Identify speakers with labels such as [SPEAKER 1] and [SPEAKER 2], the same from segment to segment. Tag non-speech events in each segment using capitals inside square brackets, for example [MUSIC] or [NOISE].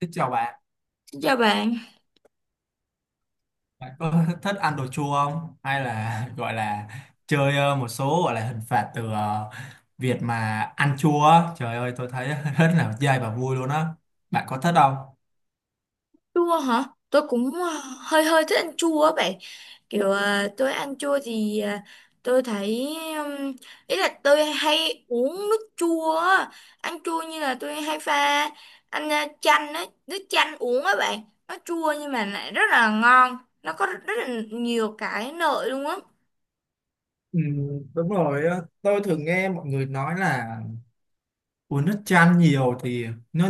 [SPEAKER 1] Xin chào bạn,
[SPEAKER 2] Dạ bạn,
[SPEAKER 1] bạn có [LAUGHS] thích ăn đồ chua không? Hay là [LAUGHS] gọi là chơi một số gọi là hình phạt từ việc mà ăn chua? Á? Trời ơi, tôi thấy [LAUGHS] rất là dai và vui luôn á. Bạn có thích không?
[SPEAKER 2] chua hả? Tôi cũng hơi hơi thích ăn chua á bạn. Kiểu tôi ăn chua thì tôi thấy ý là tôi hay uống nước chua á. Ăn chua như là tôi hay pha ăn chanh á, nước chanh uống á bạn. Nó chua nhưng mà lại rất là ngon. Nó có rất là nhiều cái lợi luôn á.
[SPEAKER 1] Ừ, đúng rồi á. Tôi thường nghe mọi người nói là uống nước chanh nhiều thì nó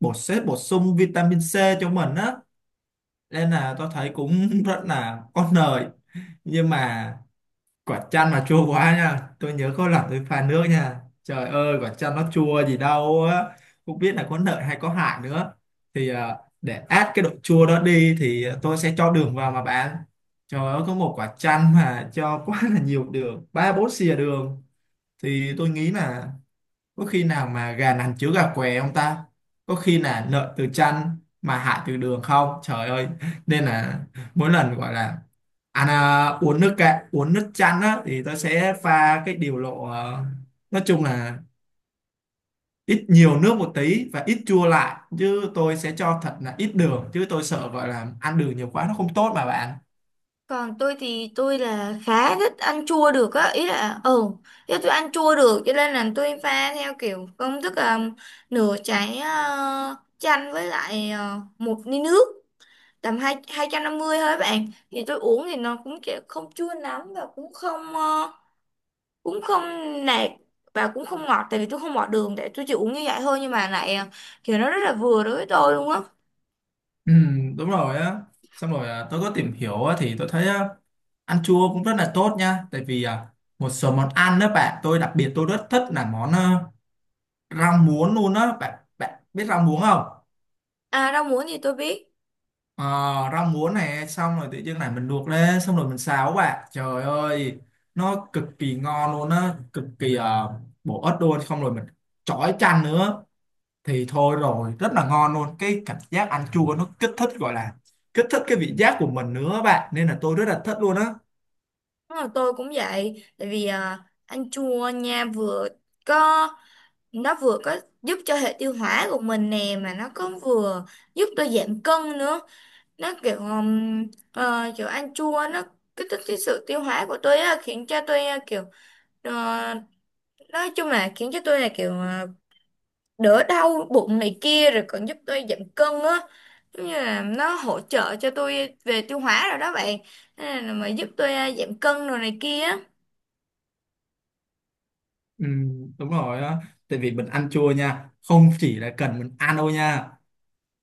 [SPEAKER 1] bổ sung vitamin C cho mình á. Nên là tôi thấy cũng [LAUGHS] rất là có lợi. Nhưng mà quả chanh mà chua quá nha, tôi nhớ có lần tôi pha nước nha, trời ơi quả chanh nó chua gì đâu á, không biết là có lợi hay có hại nữa. Thì để át cái độ chua đó đi thì tôi sẽ cho đường vào mà bạn, trời ơi có một quả chanh mà cho [LAUGHS] quá là nhiều đường, ba bốn xìa đường. Thì tôi nghĩ là có khi nào mà gà nằm chứa gà què không ta, có khi là lợi từ chăn mà hại từ đường không, trời ơi. Nên là mỗi lần gọi là uống nước chanh á thì tôi sẽ pha cái điều lộ nói chung là ít nhiều nước một tí và ít chua lại, chứ tôi sẽ cho thật là ít đường, chứ tôi sợ gọi là ăn đường nhiều quá nó không tốt mà bạn.
[SPEAKER 2] Còn tôi thì tôi là khá thích ăn chua được á, ý là tôi ăn chua được cho nên là tôi pha theo kiểu công thức là nửa trái chanh với lại một ly nước tầm hai 250 thôi bạn. Thì tôi uống thì nó cũng kiểu không chua lắm và cũng không nạc và cũng không ngọt, tại vì tôi không bỏ đường, để tôi chỉ uống như vậy thôi nhưng mà lại kiểu nó rất là vừa đối với tôi luôn á.
[SPEAKER 1] Ừ, đúng rồi á. Xong rồi tôi có tìm hiểu á, thì tôi thấy á, ăn chua cũng rất là tốt nha. Tại vì một số món ăn đó bạn, tôi đặc biệt tôi rất thích là món rau muống luôn á bạn. Bạn biết rau muống không?
[SPEAKER 2] À, rau muống thì tôi biết.
[SPEAKER 1] Ờ, rau muống này xong rồi tự nhiên này mình luộc lên xong rồi mình xào á bạn, trời ơi nó cực kỳ ngon luôn á, cực kỳ bổ ích luôn. Xong rồi mình chói chanh nữa thì thôi rồi rất là ngon luôn, cái cảm giác ăn chua nó kích thích gọi là kích thích cái vị giác của mình nữa á bạn, nên là tôi rất là thích luôn á.
[SPEAKER 2] Đúng rồi, tôi cũng vậy, tại vì ăn chua nha, vừa có nó vừa có giúp cho hệ tiêu hóa của mình nè, mà nó cũng vừa giúp tôi giảm cân nữa. Nó kiểu ăn chua nó kích thích cái sự tiêu hóa của tôi á, khiến cho tôi kiểu ờ, nói chung là khiến cho tôi là kiểu đỡ đau bụng này kia, rồi còn giúp tôi giảm cân á, giống như là nó hỗ trợ cho tôi về tiêu hóa rồi đó bạn. Nên là mà giúp tôi giảm cân rồi này kia á.
[SPEAKER 1] Ừ, đúng rồi á. Tại vì mình ăn chua nha, không chỉ là cần mình ăn đâu nha,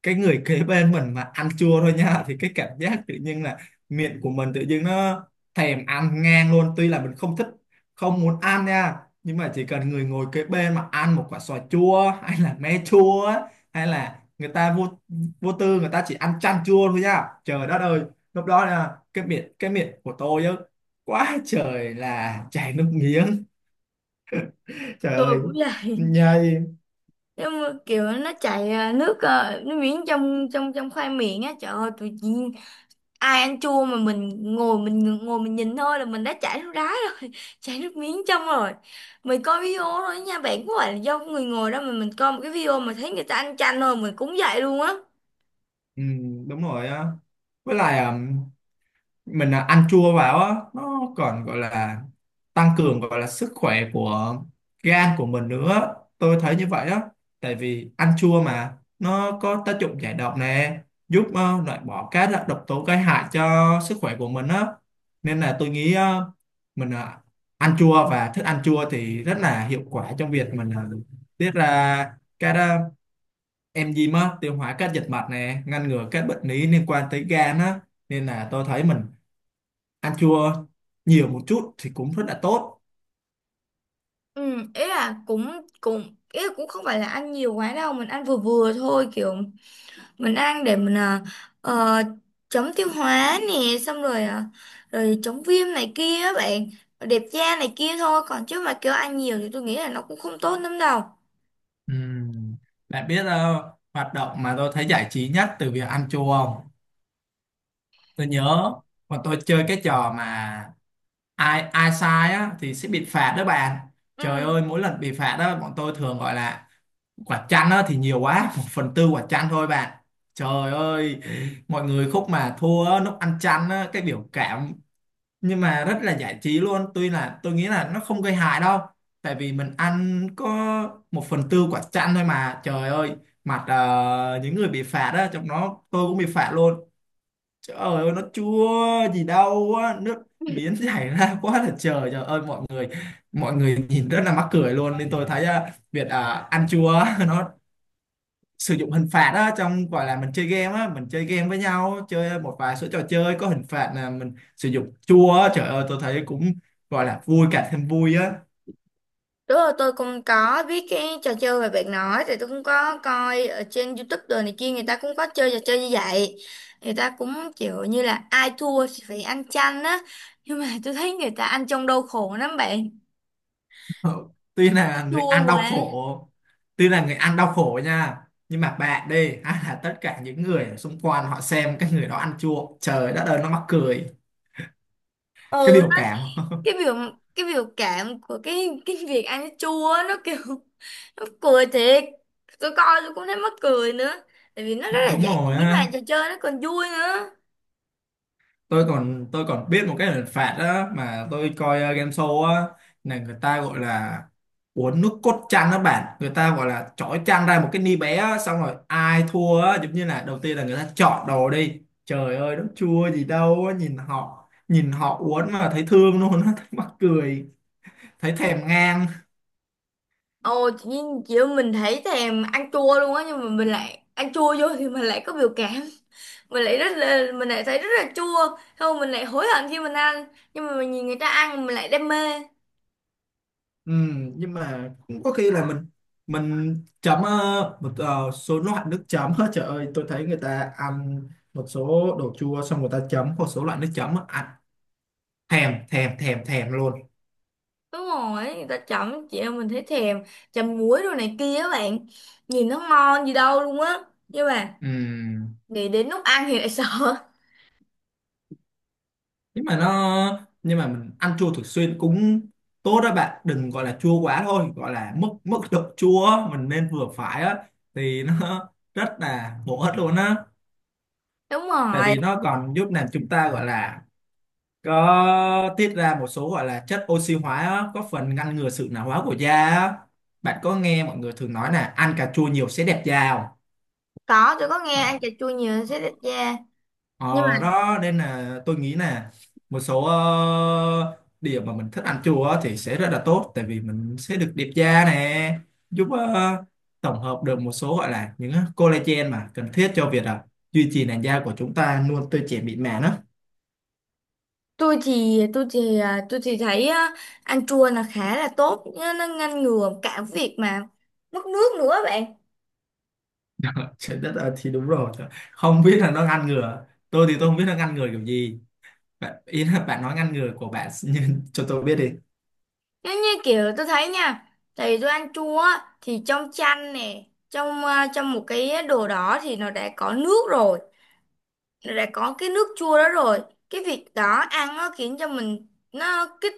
[SPEAKER 1] cái người kế bên mình mà ăn chua thôi nha thì cái cảm giác tự nhiên là miệng của mình tự nhiên nó thèm ăn ngang luôn, tuy là mình không thích không muốn ăn nha. Nhưng mà chỉ cần người ngồi kế bên mà ăn một quả xoài chua hay là me chua á, hay là người ta vô vô tư người ta chỉ ăn chan chua thôi nha, trời đất ơi lúc đó là cái miệng của tôi á quá trời là chảy nước miếng, trời
[SPEAKER 2] Tôi
[SPEAKER 1] ơi
[SPEAKER 2] cũng vậy,
[SPEAKER 1] nhây.
[SPEAKER 2] nhưng mà kiểu nó chảy nước nó miếng trong trong trong khoai miệng á, trời ơi tụi chị, ai ăn chua mà mình ngồi mình nhìn thôi là mình đã chảy nước đá rồi [LAUGHS] chảy nước miếng trong rồi. Mình coi video thôi nha bạn, có phải là do người ngồi đó mà mình coi một cái video mà thấy người ta ăn chanh thôi mình cũng vậy luôn á.
[SPEAKER 1] Ừ, đúng rồi á. Với lại mình ăn chua vào á nó còn gọi là tăng cường gọi là sức khỏe của gan của mình nữa, tôi thấy như vậy á. Tại vì ăn chua mà nó có tác dụng giải độc nè, giúp loại bỏ các loại độc tố gây hại cho sức khỏe của mình á. Nên là tôi nghĩ mình ăn chua và thức ăn chua thì rất là hiệu quả trong việc mình tiết ra các enzyme á, tiêu hóa các dịch mạch nè, ngăn ngừa các bệnh lý liên quan tới gan á. Nên là tôi thấy mình ăn chua nhiều một chút thì cũng rất là tốt.
[SPEAKER 2] Ừ, ý là cũng cũng ý là cũng không phải là ăn nhiều quá đâu, mình ăn vừa vừa thôi, kiểu mình ăn để mình ờ, chống tiêu hóa nè, xong rồi rồi chống viêm này kia á bạn, đẹp da này kia thôi, còn chứ mà kêu ăn nhiều thì tôi nghĩ là nó cũng không tốt lắm đâu.
[SPEAKER 1] Ừm, Bạn biết hoạt động mà tôi thấy giải trí nhất từ việc ăn chua không? Tôi nhớ mà tôi chơi cái trò mà ai ai sai á thì sẽ bị phạt đó bạn.
[SPEAKER 2] Ừ,
[SPEAKER 1] Trời ơi mỗi lần bị phạt đó bọn tôi thường gọi là quả chanh á thì nhiều quá, một phần tư quả chanh thôi bạn. Trời ơi mọi người khúc mà thua á, lúc ăn chanh á cái biểu cảm nhưng mà rất là giải trí luôn, tuy là tôi nghĩ là nó không gây hại đâu, tại vì mình ăn có một phần tư quả chanh thôi mà. Trời ơi mặt những người bị phạt á, trong đó tôi cũng bị phạt luôn, trời ơi nó chua gì đâu á, nước miếng [LAUGHS] chảy ra quá là trời, trời ơi mọi người nhìn rất là mắc cười luôn. Nên tôi thấy việc ăn chua [LAUGHS] nó sử dụng hình phạt á trong gọi là mình chơi game á, mình chơi game với nhau chơi một vài số trò chơi có hình phạt là mình sử dụng chua á, trời ơi tôi thấy cũng gọi là vui cả thêm vui á.
[SPEAKER 2] đúng rồi, tôi cũng có biết cái trò chơi mà bạn nói, thì tôi cũng có coi ở trên YouTube đồ này kia, người ta cũng có chơi trò chơi như vậy, người ta cũng kiểu như là ai thua thì phải ăn chanh á, nhưng mà tôi thấy người ta ăn trong đau khổ lắm bạn.
[SPEAKER 1] [LAUGHS] tuy là người
[SPEAKER 2] Chua
[SPEAKER 1] ăn
[SPEAKER 2] quá.
[SPEAKER 1] đau khổ Tuy là người ăn đau khổ nha, nhưng mà bạn đi, hay là tất cả những người ở xung quanh họ xem cái người đó ăn chua trời đất ơi nó mắc cười cái biểu cảm [LAUGHS]
[SPEAKER 2] Cái biểu cái biểu cảm của cái việc ăn cái chua á, nó kiểu [LAUGHS] nó cười thiệt, tôi coi tôi cũng thấy mắc cười nữa, tại vì nó rất là
[SPEAKER 1] đúng
[SPEAKER 2] giải
[SPEAKER 1] rồi
[SPEAKER 2] trí mà
[SPEAKER 1] á,
[SPEAKER 2] trò chơi nó còn vui nữa.
[SPEAKER 1] tôi còn biết một cái hình phạt đó mà tôi coi game show á, là người ta gọi là uống nước cốt chăn đó bạn, người ta gọi là chói chăn ra một cái ni bé á, xong rồi ai thua á giống như là đầu tiên là người ta chọn đồ đi, trời ơi nó chua gì đâu á, nhìn họ uống mà thấy thương luôn á [LAUGHS] thấy mắc cười, thấy thèm ngang.
[SPEAKER 2] Ồ, tự nhiên kiểu mình thấy thèm ăn chua luôn á, nhưng mà mình lại ăn chua vô thì mình lại có biểu cảm, mình lại rất là mình lại thấy rất là chua, không mình lại hối hận khi mình ăn, nhưng mà mình nhìn người ta ăn mình lại đam mê.
[SPEAKER 1] Ừ, nhưng mà cũng có khi là mình chấm một số loại nước chấm á, trời ơi tôi thấy người ta ăn một số đồ chua xong người ta chấm một số loại nước chấm á, ăn thèm thèm thèm thèm luôn.
[SPEAKER 2] Đúng rồi, người ta chấm chị em mình thấy thèm, chấm muối đồ này kia á bạn, nhìn nó ngon gì đâu luôn á, nhưng mà
[SPEAKER 1] Ừ.
[SPEAKER 2] nghĩ đến lúc ăn thì lại [LAUGHS] sợ.
[SPEAKER 1] Nhưng mà mình ăn chua thường xuyên cũng tốt đó bạn, đừng gọi là chua quá thôi, gọi là mức mức độ chua á, mình nên vừa phải á thì nó [LAUGHS] rất là bổ ích luôn á.
[SPEAKER 2] Đúng
[SPEAKER 1] Tại
[SPEAKER 2] rồi.
[SPEAKER 1] vì nó còn giúp làm chúng ta gọi là có tiết ra một số gọi là chất oxy hóa á, có phần ngăn ngừa sự lão hóa của da á. Bạn có nghe mọi người thường nói là ăn cà chua nhiều sẽ đẹp da không?
[SPEAKER 2] Có, tôi có nghe
[SPEAKER 1] ờ,
[SPEAKER 2] ăn cà chua nhiều sẽ đẹp da,
[SPEAKER 1] ờ,
[SPEAKER 2] nhưng mà
[SPEAKER 1] Đó nên là tôi nghĩ là một số điểm mà mình thích ăn chua á thì sẽ rất là tốt, tại vì mình sẽ được đẹp da nè, giúp tổng hợp được một số gọi là những collagen mà cần thiết cho việc duy trì làn da của chúng ta luôn tươi trẻ mịn màng á.
[SPEAKER 2] tôi thì thấy á, ăn chua là khá là tốt, nó ngăn ngừa cả việc mà mất nước nữa bạn.
[SPEAKER 1] [LAUGHS] Trời đất ơi thì đúng rồi, không biết là nó ngăn ngừa, tôi thì tôi không biết nó ngăn ngừa kiểu gì, bạn ý là bạn nói ngăn ngừa của bạn [LAUGHS] nhưng cho tôi biết đi.
[SPEAKER 2] Nếu như kiểu tôi thấy nha, thì tôi ăn chua á, thì trong chanh nè, trong trong một cái đồ đó thì nó đã có nước rồi, đã có cái nước chua đó rồi, cái việc đó ăn nó khiến cho mình nó kích,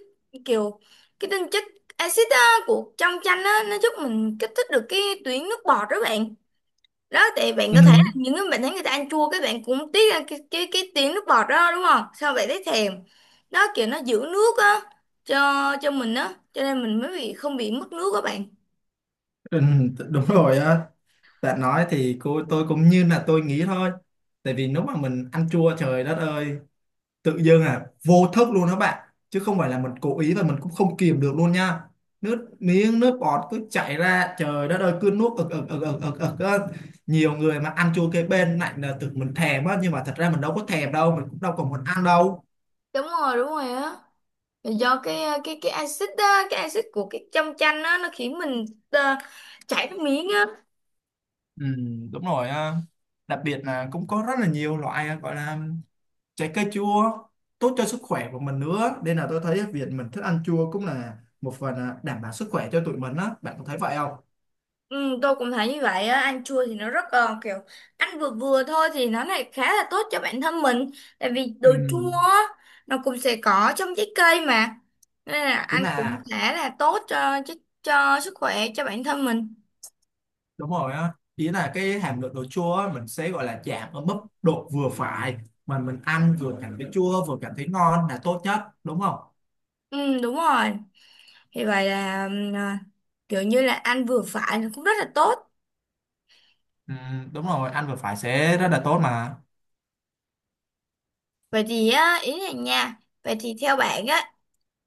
[SPEAKER 2] kiểu cái tinh chất axit á, của trong chanh á nó giúp mình kích thích được cái tuyến nước bọt đó bạn. Đó thì bạn
[SPEAKER 1] Ừ,
[SPEAKER 2] có thể là những cái bạn thấy người ta ăn chua cái bạn cũng tiếc ăn cái cái tuyến nước bọt đó đúng không, sao bạn thấy thèm. Đó kiểu nó giữ nước á cho mình á, cho nên mình mới bị không bị mất nước các bạn.
[SPEAKER 1] ừ, đúng rồi á, bạn nói thì cô tôi cũng như là tôi nghĩ thôi. Tại vì nếu mà mình ăn chua trời đất ơi tự dưng vô thức luôn đó bạn, chứ không phải là mình cố ý và mình cũng không kìm được luôn nha, nước miếng nước bọt cứ chảy ra trời đất ơi cứ nuốt ực ực ực ực ực ực á. Nhiều người mà ăn chua kế bên lại là tưởng mình thèm á, nhưng mà thật ra mình đâu có thèm đâu, mình cũng đâu còn muốn ăn đâu.
[SPEAKER 2] Đúng rồi, đúng rồi á. Là do cái cái axit á, cái axit của cái trong chanh á nó khiến mình ờ, chảy nước miếng á.
[SPEAKER 1] Ừ, đúng rồi á. Đặc biệt là cũng có rất là nhiều loại gọi là trái cây chua tốt cho sức khỏe của mình nữa, nên là tôi thấy việc mình thích ăn chua cũng là một phần đảm bảo sức khỏe cho tụi mình á, bạn có thấy vậy không?
[SPEAKER 2] Ừ, tôi cũng thấy như vậy á, ăn chua thì nó rất kiểu ăn vừa vừa thôi thì nó lại khá là tốt cho bản thân mình, tại vì đồ
[SPEAKER 1] Ừ.
[SPEAKER 2] chua á, nó cũng sẽ có trong trái cây mà, nên là
[SPEAKER 1] Thế
[SPEAKER 2] ăn cũng
[SPEAKER 1] là
[SPEAKER 2] khá là tốt cho cho sức khỏe cho bản thân mình.
[SPEAKER 1] đúng rồi á, ý là cái hàm lượng đồ chua á, mình sẽ gọi là giảm ở mức độ vừa phải, mà mình ăn vừa cảm thấy chua vừa cảm thấy ngon là tốt nhất đúng không?
[SPEAKER 2] Ừ, đúng rồi, thì vậy là kiểu như là ăn vừa phải nó cũng rất là tốt.
[SPEAKER 1] Ừ, đúng rồi, ăn vừa phải sẽ rất là tốt mà.
[SPEAKER 2] Vậy thì á, ý này nha, vậy thì theo bạn á,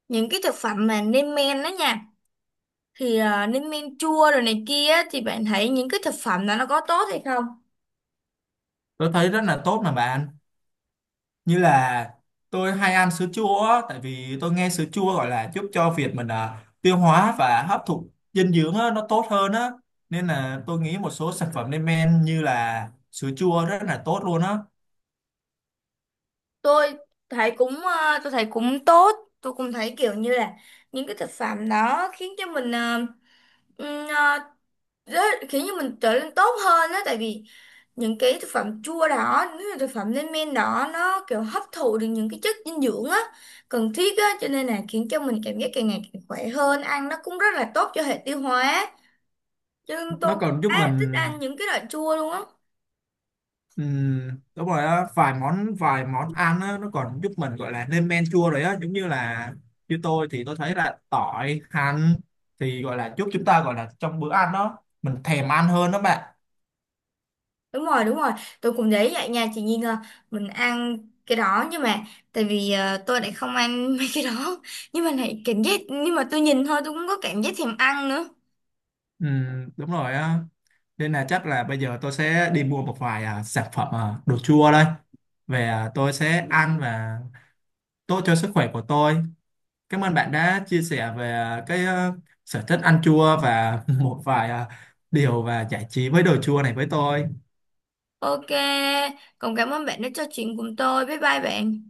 [SPEAKER 2] những cái thực phẩm mà nêm men đó nha, thì lên men chua rồi này kia á, thì bạn thấy những cái thực phẩm đó nó có tốt hay không?
[SPEAKER 1] Tôi thấy rất là tốt mà bạn. Như là tôi hay ăn sữa chua á, tại vì tôi nghe sữa chua gọi là giúp cho việc mình tiêu hóa và hấp thụ dinh dưỡng á, nó tốt hơn á. Nên là tôi nghĩ một số sản phẩm lên men như là sữa chua rất là tốt luôn á.
[SPEAKER 2] Tôi thấy cũng ờ, tôi thấy cũng tốt, tôi cũng thấy kiểu như là những cái thực phẩm đó khiến cho mình ừm, ờ, trở nên tốt hơn đó, tại vì những cái thực phẩm chua đó, những cái thực phẩm lên men đó nó kiểu hấp thụ được những cái chất dinh dưỡng á cần thiết á, cho nên là khiến cho mình cảm giác càng ngày càng khỏe hơn, ăn nó cũng rất là tốt cho hệ tiêu hóa, chứ tôi
[SPEAKER 1] Nó
[SPEAKER 2] cũng
[SPEAKER 1] còn giúp
[SPEAKER 2] khá
[SPEAKER 1] mình.
[SPEAKER 2] thích ăn những cái loại chua luôn á.
[SPEAKER 1] Ừ, đúng rồi á, vài món ăn á, nó còn giúp mình gọi là lên men chua rồi á, giống như là như tôi thì tôi thấy là tỏi hành thì gọi là giúp chúng ta gọi là trong bữa ăn đó mình thèm ăn hơn đó bạn.
[SPEAKER 2] Đúng rồi, đúng rồi, tôi cũng thấy vậy nha chị Nhi, là mình ăn cái đó, nhưng mà tại vì tôi lại không ăn [LAUGHS] mấy cái đó, nhưng mà lại cảm giác, nhưng mà tôi nhìn thôi tôi cũng có cảm giác thèm ăn nữa.
[SPEAKER 1] Ừ, đúng rồi á. Nên là chắc là bây giờ tôi sẽ đi mua một vài sản phẩm đồ chua đây, về tôi sẽ ăn và tốt cho sức khỏe của tôi. Cảm ơn bạn đã chia sẻ về cái sở thích ăn chua và [LAUGHS] một vài điều và giải trí với đồ chua này với tôi.
[SPEAKER 2] Ok, còn cảm ơn bạn đã trò chuyện cùng tôi, bye bye bạn.